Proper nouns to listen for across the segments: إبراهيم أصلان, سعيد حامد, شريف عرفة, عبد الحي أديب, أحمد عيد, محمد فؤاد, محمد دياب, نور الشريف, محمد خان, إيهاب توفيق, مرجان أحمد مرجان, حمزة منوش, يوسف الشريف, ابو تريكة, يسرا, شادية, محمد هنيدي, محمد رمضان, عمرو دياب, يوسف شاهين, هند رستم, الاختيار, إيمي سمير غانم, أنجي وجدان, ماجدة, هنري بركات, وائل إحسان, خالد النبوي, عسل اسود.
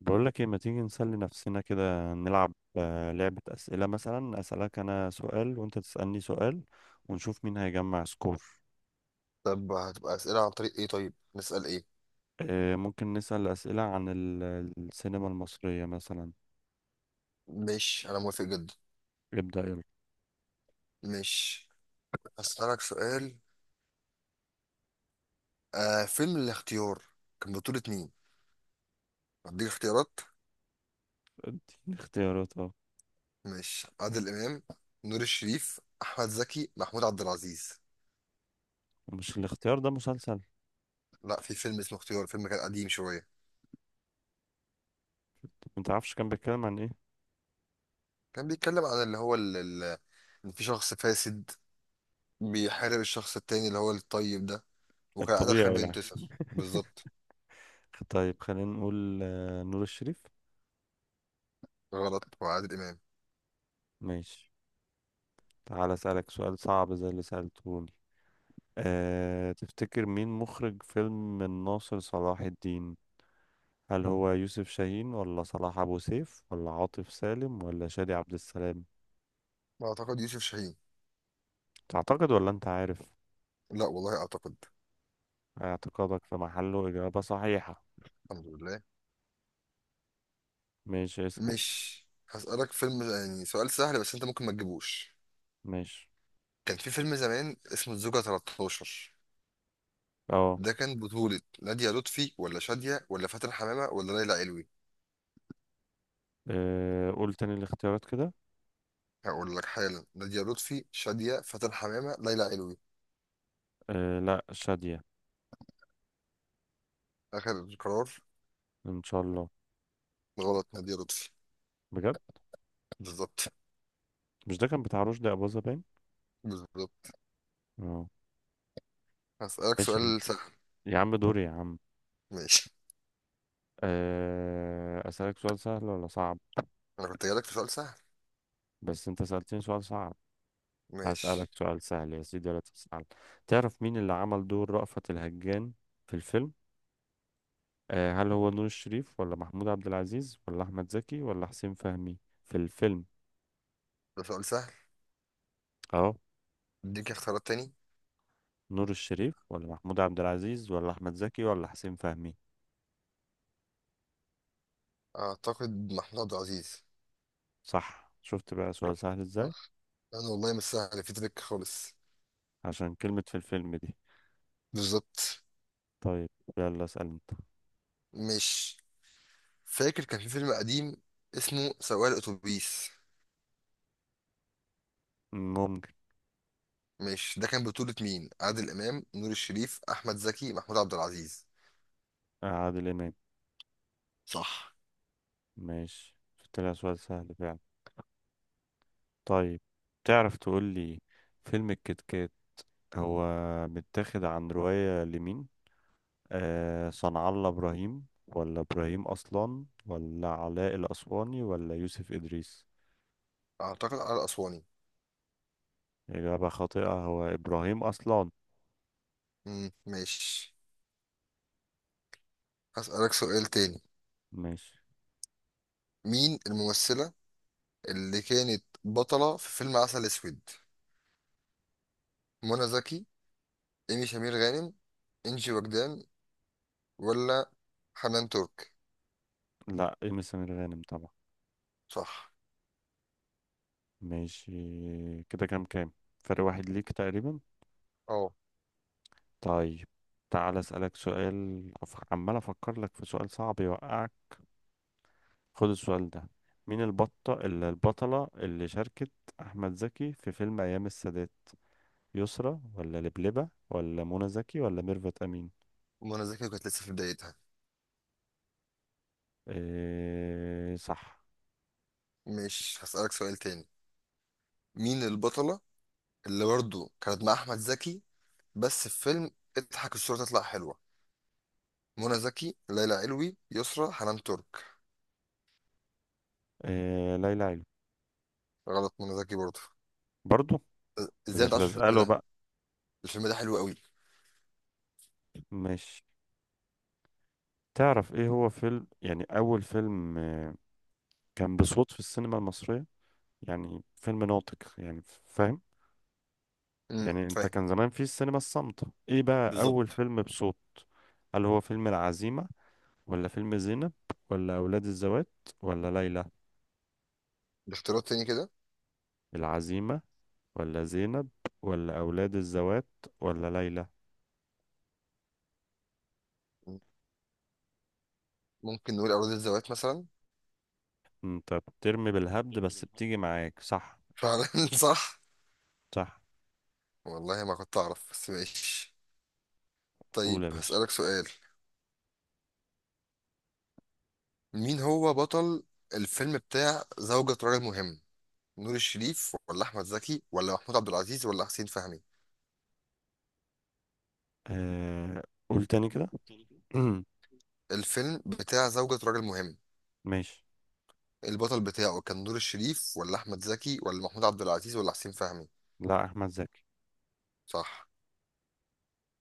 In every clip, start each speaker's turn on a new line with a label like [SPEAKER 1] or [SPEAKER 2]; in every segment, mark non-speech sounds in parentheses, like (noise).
[SPEAKER 1] بقول لك ايه؟ ما تيجي نسلي نفسنا كده؟ نلعب لعبة أسئلة مثلا، أسألك أنا سؤال وأنت تسألني سؤال، ونشوف مين هيجمع سكور.
[SPEAKER 2] طب هتبقى أسئلة عن طريق إيه طيب؟ نسأل إيه؟
[SPEAKER 1] ممكن نسأل أسئلة عن السينما المصرية مثلا.
[SPEAKER 2] ماشي، أنا موافق جدا.
[SPEAKER 1] ابدأ يلا.
[SPEAKER 2] ماشي. هسألك سؤال. فيلم الاختيار كان بطولة مين؟ هديك اختيارات.
[SPEAKER 1] اديني اختيارات اه.
[SPEAKER 2] ماشي. عادل إمام، نور الشريف، أحمد زكي، محمود عبد العزيز.
[SPEAKER 1] مش الاختيار ده مسلسل؟
[SPEAKER 2] لا، في فيلم اسمه اختيار، فيلم كان قديم شوية.
[SPEAKER 1] ما تعرفش كان بيتكلم عن ايه؟
[SPEAKER 2] كان بيتكلم عن اللي هو إن في شخص فاسد بيحارب الشخص التاني اللي هو الطيب ده. وكان عادل خالد
[SPEAKER 1] الطبيعي يعني.
[SPEAKER 2] بينتصر بالظبط.
[SPEAKER 1] طيب خلينا نقول نور الشريف.
[SPEAKER 2] غلط، وعادل إمام.
[SPEAKER 1] ماشي. تعال أسألك سؤال صعب زي اللي سألتهوني. تفتكر مين مخرج فيلم الناصر صلاح الدين؟ هل هو يوسف شاهين ولا صلاح أبو سيف ولا عاطف سالم ولا شادي عبد السلام؟
[SPEAKER 2] أعتقد يوسف شاهين.
[SPEAKER 1] تعتقد ولا أنت عارف؟
[SPEAKER 2] لا والله، أعتقد.
[SPEAKER 1] اعتقادك في محله، إجابة صحيحة.
[SPEAKER 2] الحمد لله.
[SPEAKER 1] ماشي اسأل.
[SPEAKER 2] مش هسألك فيلم، يعني سؤال سهل، بس انت ممكن ما تجيبوش.
[SPEAKER 1] ماشي.
[SPEAKER 2] كان في فيلم زمان اسمه الزوجة 13.
[SPEAKER 1] اه.
[SPEAKER 2] ده كان بطولة نادية لطفي ولا شادية ولا فاتن حمامة ولا ليلى علوي؟
[SPEAKER 1] قول تاني الاختيارات كده.
[SPEAKER 2] هقول لك حالا: نادية لطفي، شادية، فاتن حمامة، ليلى علوي.
[SPEAKER 1] لا، شادية.
[SPEAKER 2] آخر قرار.
[SPEAKER 1] إن شاء الله.
[SPEAKER 2] غلط، نادية لطفي.
[SPEAKER 1] بجد؟
[SPEAKER 2] بالظبط.
[SPEAKER 1] مش ده كان بتاع رشدي أباظة باين؟
[SPEAKER 2] بالظبط.
[SPEAKER 1] اه.
[SPEAKER 2] هسألك
[SPEAKER 1] ماشي يا
[SPEAKER 2] سؤال سهل.
[SPEAKER 1] يا عم، دوري يا عم.
[SPEAKER 2] ماشي.
[SPEAKER 1] أسألك سؤال سهل ولا صعب؟
[SPEAKER 2] أنا كنت جايلك في سؤال سهل.
[SPEAKER 1] بس أنت سألتني سؤال صعب. هسألك
[SPEAKER 2] ماشي.
[SPEAKER 1] سؤال سهل يا سيدي ولا تسأل؟ تعرف مين اللي عمل دور رأفت الهجان في الفيلم؟ هل هو نور الشريف ولا محمود عبد العزيز ولا أحمد زكي ولا حسين فهمي؟ في الفيلم.
[SPEAKER 2] ده سؤال سهل.
[SPEAKER 1] أهو.
[SPEAKER 2] اديك اختيارات تاني.
[SPEAKER 1] نور الشريف ولا محمود عبد العزيز ولا أحمد زكي ولا حسين فهمي؟
[SPEAKER 2] أعتقد محمود عبد العزيز.
[SPEAKER 1] صح، شفت بقى سؤال سهل إزاي.
[SPEAKER 2] صح؟ أنا والله مش سهل في تريك خالص.
[SPEAKER 1] عشان كلمة في الفيلم دي.
[SPEAKER 2] بالظبط.
[SPEAKER 1] طيب، يلا اسأل أنت.
[SPEAKER 2] مش فاكر كان في فيلم قديم اسمه سواق الاتوبيس.
[SPEAKER 1] ممكن.
[SPEAKER 2] مش ده كان بطولة مين؟ عادل امام، نور الشريف، احمد زكي، محمود عبد العزيز.
[SPEAKER 1] عادل إمام.
[SPEAKER 2] صح.
[SPEAKER 1] ماشي، شفت لها سؤال سهل فعلا. طيب تعرف تقول لي فيلم الكتكات هو متاخد عن رواية لمين؟ صنع الله إبراهيم ولا إبراهيم أصلان ولا علاء الأسواني ولا يوسف إدريس؟
[SPEAKER 2] اعتقد على الاسواني.
[SPEAKER 1] إجابة خاطئة، هو إبراهيم أصلان.
[SPEAKER 2] مم، ماشي. هسألك سؤال تاني.
[SPEAKER 1] ماشي.
[SPEAKER 2] مين الممثلة اللي كانت بطلة في فيلم عسل اسود؟ منى زكي، ايمي سمير غانم، انجي وجدان، ولا حنان ترك؟
[SPEAKER 1] لا، إيمي سمير غانم طبعا.
[SPEAKER 2] صح.
[SPEAKER 1] ماشي. كده كام كام؟ فرق واحد ليك تقريبا.
[SPEAKER 2] اه،
[SPEAKER 1] طيب تعال أسألك سؤال عمال أفكر لك في سؤال صعب يوقعك. خد السؤال ده. مين البطة البطلة اللي شاركت أحمد زكي في فيلم أيام السادات؟ يسرى ولا لبلبة ولا منى زكي ولا ميرفت أمين؟
[SPEAKER 2] منى زكي كانت لسه في بدايتها.
[SPEAKER 1] إيه صح.
[SPEAKER 2] مش هسألك سؤال تاني. مين البطلة اللي برضه كانت مع احمد زكي، بس في فيلم اضحك الصورة تطلع حلوة؟ منى زكي، ليلى علوي، يسرا، حنان ترك.
[SPEAKER 1] إيه، ليلى علوي.
[SPEAKER 2] غلط، منى زكي برضه.
[SPEAKER 1] برضو؟ دي
[SPEAKER 2] ازاي انت
[SPEAKER 1] كانت
[SPEAKER 2] عارف
[SPEAKER 1] لازقة
[SPEAKER 2] الفيلم
[SPEAKER 1] له
[SPEAKER 2] ده؟
[SPEAKER 1] بقى.
[SPEAKER 2] الفيلم ده حلو قوي.
[SPEAKER 1] مش تعرف ايه هو فيلم يعني أول فيلم كان بصوت في السينما المصرية؟ يعني فيلم ناطق، يعني فاهم. يعني انت
[SPEAKER 2] فاهم.
[SPEAKER 1] كان زمان في السينما الصامتة، ايه بقى أول
[SPEAKER 2] بالظبط.
[SPEAKER 1] فيلم بصوت؟ هل هو فيلم العزيمة ولا فيلم زينب ولا أولاد الذوات ولا ليلى؟
[SPEAKER 2] باختيارات تاني كده؟
[SPEAKER 1] العزيمة ولا زينب ولا أولاد الذوات ولا ليلى؟
[SPEAKER 2] ممكن نقول أراضي الزوات مثلا.
[SPEAKER 1] أنت بترمي بالهبد بس بتيجي معاك، صح.
[SPEAKER 2] فعلا (laughs) صح.
[SPEAKER 1] صح.
[SPEAKER 2] والله ما كنت أعرف، بس ماشي.
[SPEAKER 1] قول
[SPEAKER 2] طيب،
[SPEAKER 1] يا باشا.
[SPEAKER 2] هسألك سؤال. مين هو بطل الفيلم بتاع زوجة راجل مهم؟ نور الشريف ولا أحمد زكي ولا محمود عبد العزيز ولا حسين فهمي؟
[SPEAKER 1] آه... قول تاني كده. (clears throat)
[SPEAKER 2] الفيلم بتاع زوجة راجل مهم.
[SPEAKER 1] ماشي.
[SPEAKER 2] البطل بتاعه كان نور الشريف ولا أحمد زكي ولا محمود عبد العزيز ولا حسين فهمي؟
[SPEAKER 1] لا، أحمد زكي.
[SPEAKER 2] صح.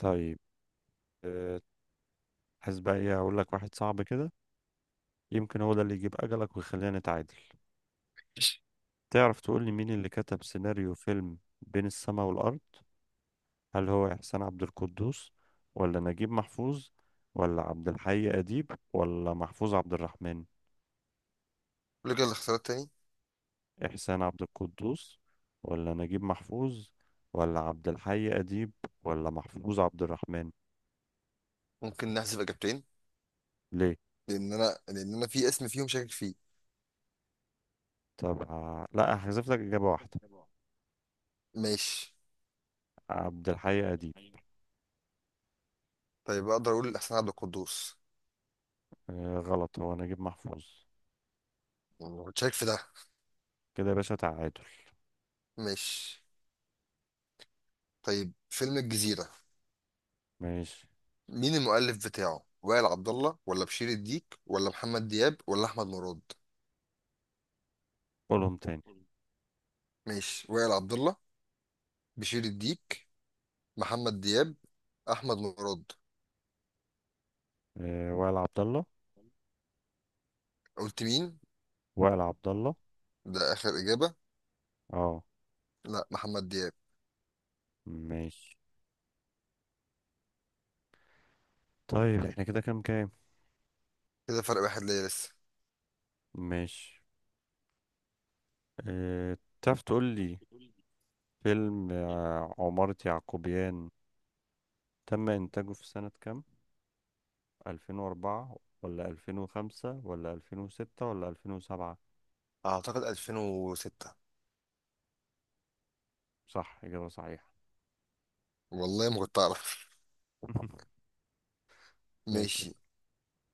[SPEAKER 1] طيب. آه، عايز بقى إيه؟ أقول لك واحد صعب كده، يمكن هو ده اللي يجيب أجلك ويخلينا نتعادل. تعرف تقول لي مين اللي كتب سيناريو فيلم بين السماء والأرض؟ هل هو إحسان عبد القدوس ولا نجيب محفوظ ولا عبد الحي أديب ولا محفوظ عبد الرحمن؟
[SPEAKER 2] قول لي كده الاختيارات تاني.
[SPEAKER 1] إحسان عبد القدوس ولا نجيب محفوظ ولا عبد الحي أديب ولا محفوظ عبد الرحمن؟
[SPEAKER 2] ممكن نحذف إجابتين.
[SPEAKER 1] ليه؟
[SPEAKER 2] لأن أنا في اسم فيهم شاكك فيه.
[SPEAKER 1] طب لا، هحذف لك إجابة واحدة.
[SPEAKER 2] ماشي.
[SPEAKER 1] عبد الحي أديب.
[SPEAKER 2] طيب، أقدر أقول أحسن عبد القدوس.
[SPEAKER 1] آه غلط، هو نجيب محفوظ.
[SPEAKER 2] ما كنتش شاكك في ده.
[SPEAKER 1] كده يا باشا تعادل.
[SPEAKER 2] ماشي. طيب، فيلم الجزيرة.
[SPEAKER 1] ماشي.
[SPEAKER 2] مين المؤلف بتاعه؟ وائل عبد الله ولا بشير الديك ولا محمد دياب ولا أحمد مراد؟
[SPEAKER 1] قولهم تاني.
[SPEAKER 2] ماشي. وائل عبد الله، بشير الديك، محمد دياب، احمد مراد.
[SPEAKER 1] آه، وائل عبد الله.
[SPEAKER 2] قلت مين؟
[SPEAKER 1] وائل عبد الله.
[SPEAKER 2] ده اخر اجابه؟
[SPEAKER 1] اه.
[SPEAKER 2] لا، محمد دياب.
[SPEAKER 1] ماشي. طيب احنا كده كام كام؟
[SPEAKER 2] كده فرق واحد ليا لسه.
[SPEAKER 1] ماشي. تعرف تقول لي فيلم عمارة يعقوبيان تم إنتاجه في سنة كام؟ 2004 ولا 2005 ولا 2006 ولا 2007؟
[SPEAKER 2] اعتقد 2006.
[SPEAKER 1] صح، إجابة صحيحة.
[SPEAKER 2] والله ما كنت اعرف.
[SPEAKER 1] (laughs)
[SPEAKER 2] (laughs)
[SPEAKER 1] ماشي.
[SPEAKER 2] ماشي.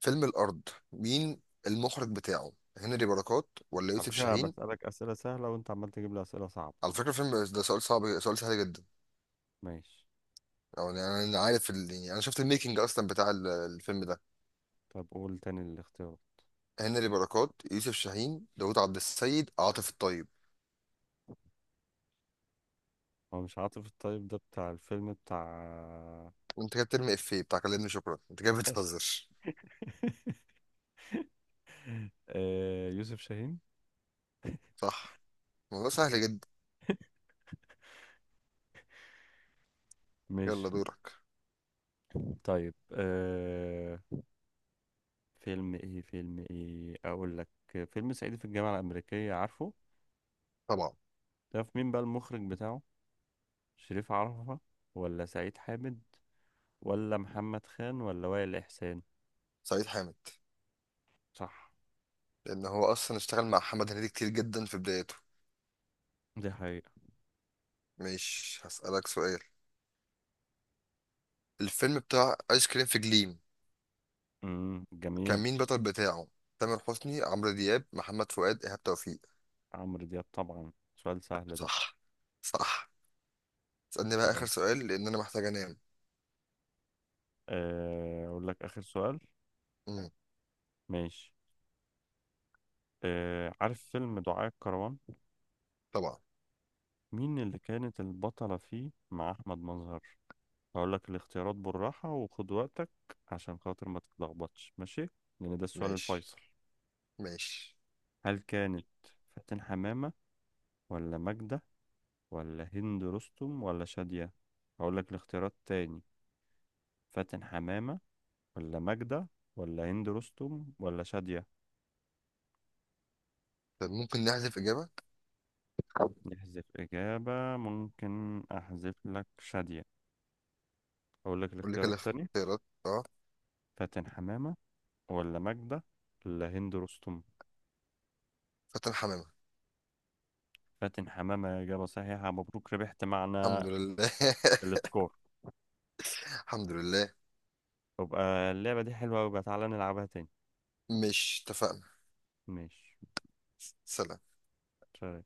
[SPEAKER 2] فيلم الارض. مين المخرج بتاعه؟ هنري بركات ولا
[SPEAKER 1] على
[SPEAKER 2] يوسف
[SPEAKER 1] فكرة أنا
[SPEAKER 2] شاهين؟
[SPEAKER 1] بسألك أسئلة سهلة وأنت عمال تجيب لي أسئلة صعبة.
[SPEAKER 2] على فكره، الفيلم ده سؤال صعب، سؤال سهل جدا.
[SPEAKER 1] ماشي.
[SPEAKER 2] أو يعني، انا عارف يعني انا شفت الميكنج اصلا بتاع الفيلم ده.
[SPEAKER 1] طب قول تاني الاختيار.
[SPEAKER 2] هنري بركات، يوسف شاهين، داوود عبد السيد، عاطف الطيب.
[SPEAKER 1] هو مش عاطف الطيب ده بتاع الفيلم بتاع.
[SPEAKER 2] انت كده بترمي افيه بتاع كلمني شكرا، انت كده بتهزر.
[SPEAKER 1] (laughs) يوسف شاهين.
[SPEAKER 2] صح. الموضوع سهل جدا.
[SPEAKER 1] (laughs)
[SPEAKER 2] يلا
[SPEAKER 1] ماشي.
[SPEAKER 2] دورك.
[SPEAKER 1] طيب فيلم ايه، فيلم ايه اقول لك. فيلم صعيدي في الجامعة الأمريكية، عارفه؟
[SPEAKER 2] طبعا.
[SPEAKER 1] تعرف مين بقى المخرج بتاعه؟ شريف عرفة ولا سعيد حامد ولا محمد خان ولا وائل إحسان؟
[SPEAKER 2] سعيد حامد.
[SPEAKER 1] صح.
[SPEAKER 2] لان هو اصلا اشتغل مع محمد هنيدي كتير جدا في بدايته.
[SPEAKER 1] دي حقيقة.
[SPEAKER 2] مش هسألك سؤال. الفيلم بتاع ايس كريم في جليم. كان
[SPEAKER 1] جميل.
[SPEAKER 2] مين البطل بتاعه؟ تامر حسني، عمرو دياب، محمد فؤاد، ايهاب توفيق؟
[SPEAKER 1] عمرو دياب طبعا، سؤال سهل ده.
[SPEAKER 2] صح. صح. اسألني بقى اخر
[SPEAKER 1] طيب
[SPEAKER 2] سؤال، لان انا محتاج انام.
[SPEAKER 1] أقول لك آخر سؤال.
[SPEAKER 2] امم.
[SPEAKER 1] ماشي. عارف فيلم دعاء الكروان؟
[SPEAKER 2] طبعا.
[SPEAKER 1] مين اللي كانت البطلة فيه مع أحمد مظهر؟ هقول لك الاختيارات بالراحة وخد وقتك عشان خاطر ما تتلخبطش ماشي، لأن ده السؤال
[SPEAKER 2] ماشي.
[SPEAKER 1] الفيصل.
[SPEAKER 2] ماشي.
[SPEAKER 1] هل كانت فاتن حمامة ولا ماجدة ولا هند رستم ولا شادية؟ هقول لك الاختيارات تاني. فاتن حمامة ولا ماجدة ولا هند رستم ولا شادية؟
[SPEAKER 2] طب ممكن نحذف اجابه.
[SPEAKER 1] نحذف إجابة، ممكن أحذف لك شادية. هقول لك
[SPEAKER 2] قول لي
[SPEAKER 1] الاختيارات
[SPEAKER 2] كده
[SPEAKER 1] تاني.
[SPEAKER 2] اختيارات، اه.
[SPEAKER 1] فاتن حمامة ولا ماجدة ولا هند رستم؟
[SPEAKER 2] فاتن حمامه.
[SPEAKER 1] فاتن حمامة، إجابة صحيحة، مبروك، ربحت معنا
[SPEAKER 2] الحمد لله (laughs)
[SPEAKER 1] السكور.
[SPEAKER 2] الحمد لله.
[SPEAKER 1] يبقى اللعبة دي حلوة، وبقى تعالى نلعبها تاني.
[SPEAKER 2] مش اتفقنا؟
[SPEAKER 1] ماشي.
[SPEAKER 2] سلام.
[SPEAKER 1] سلام.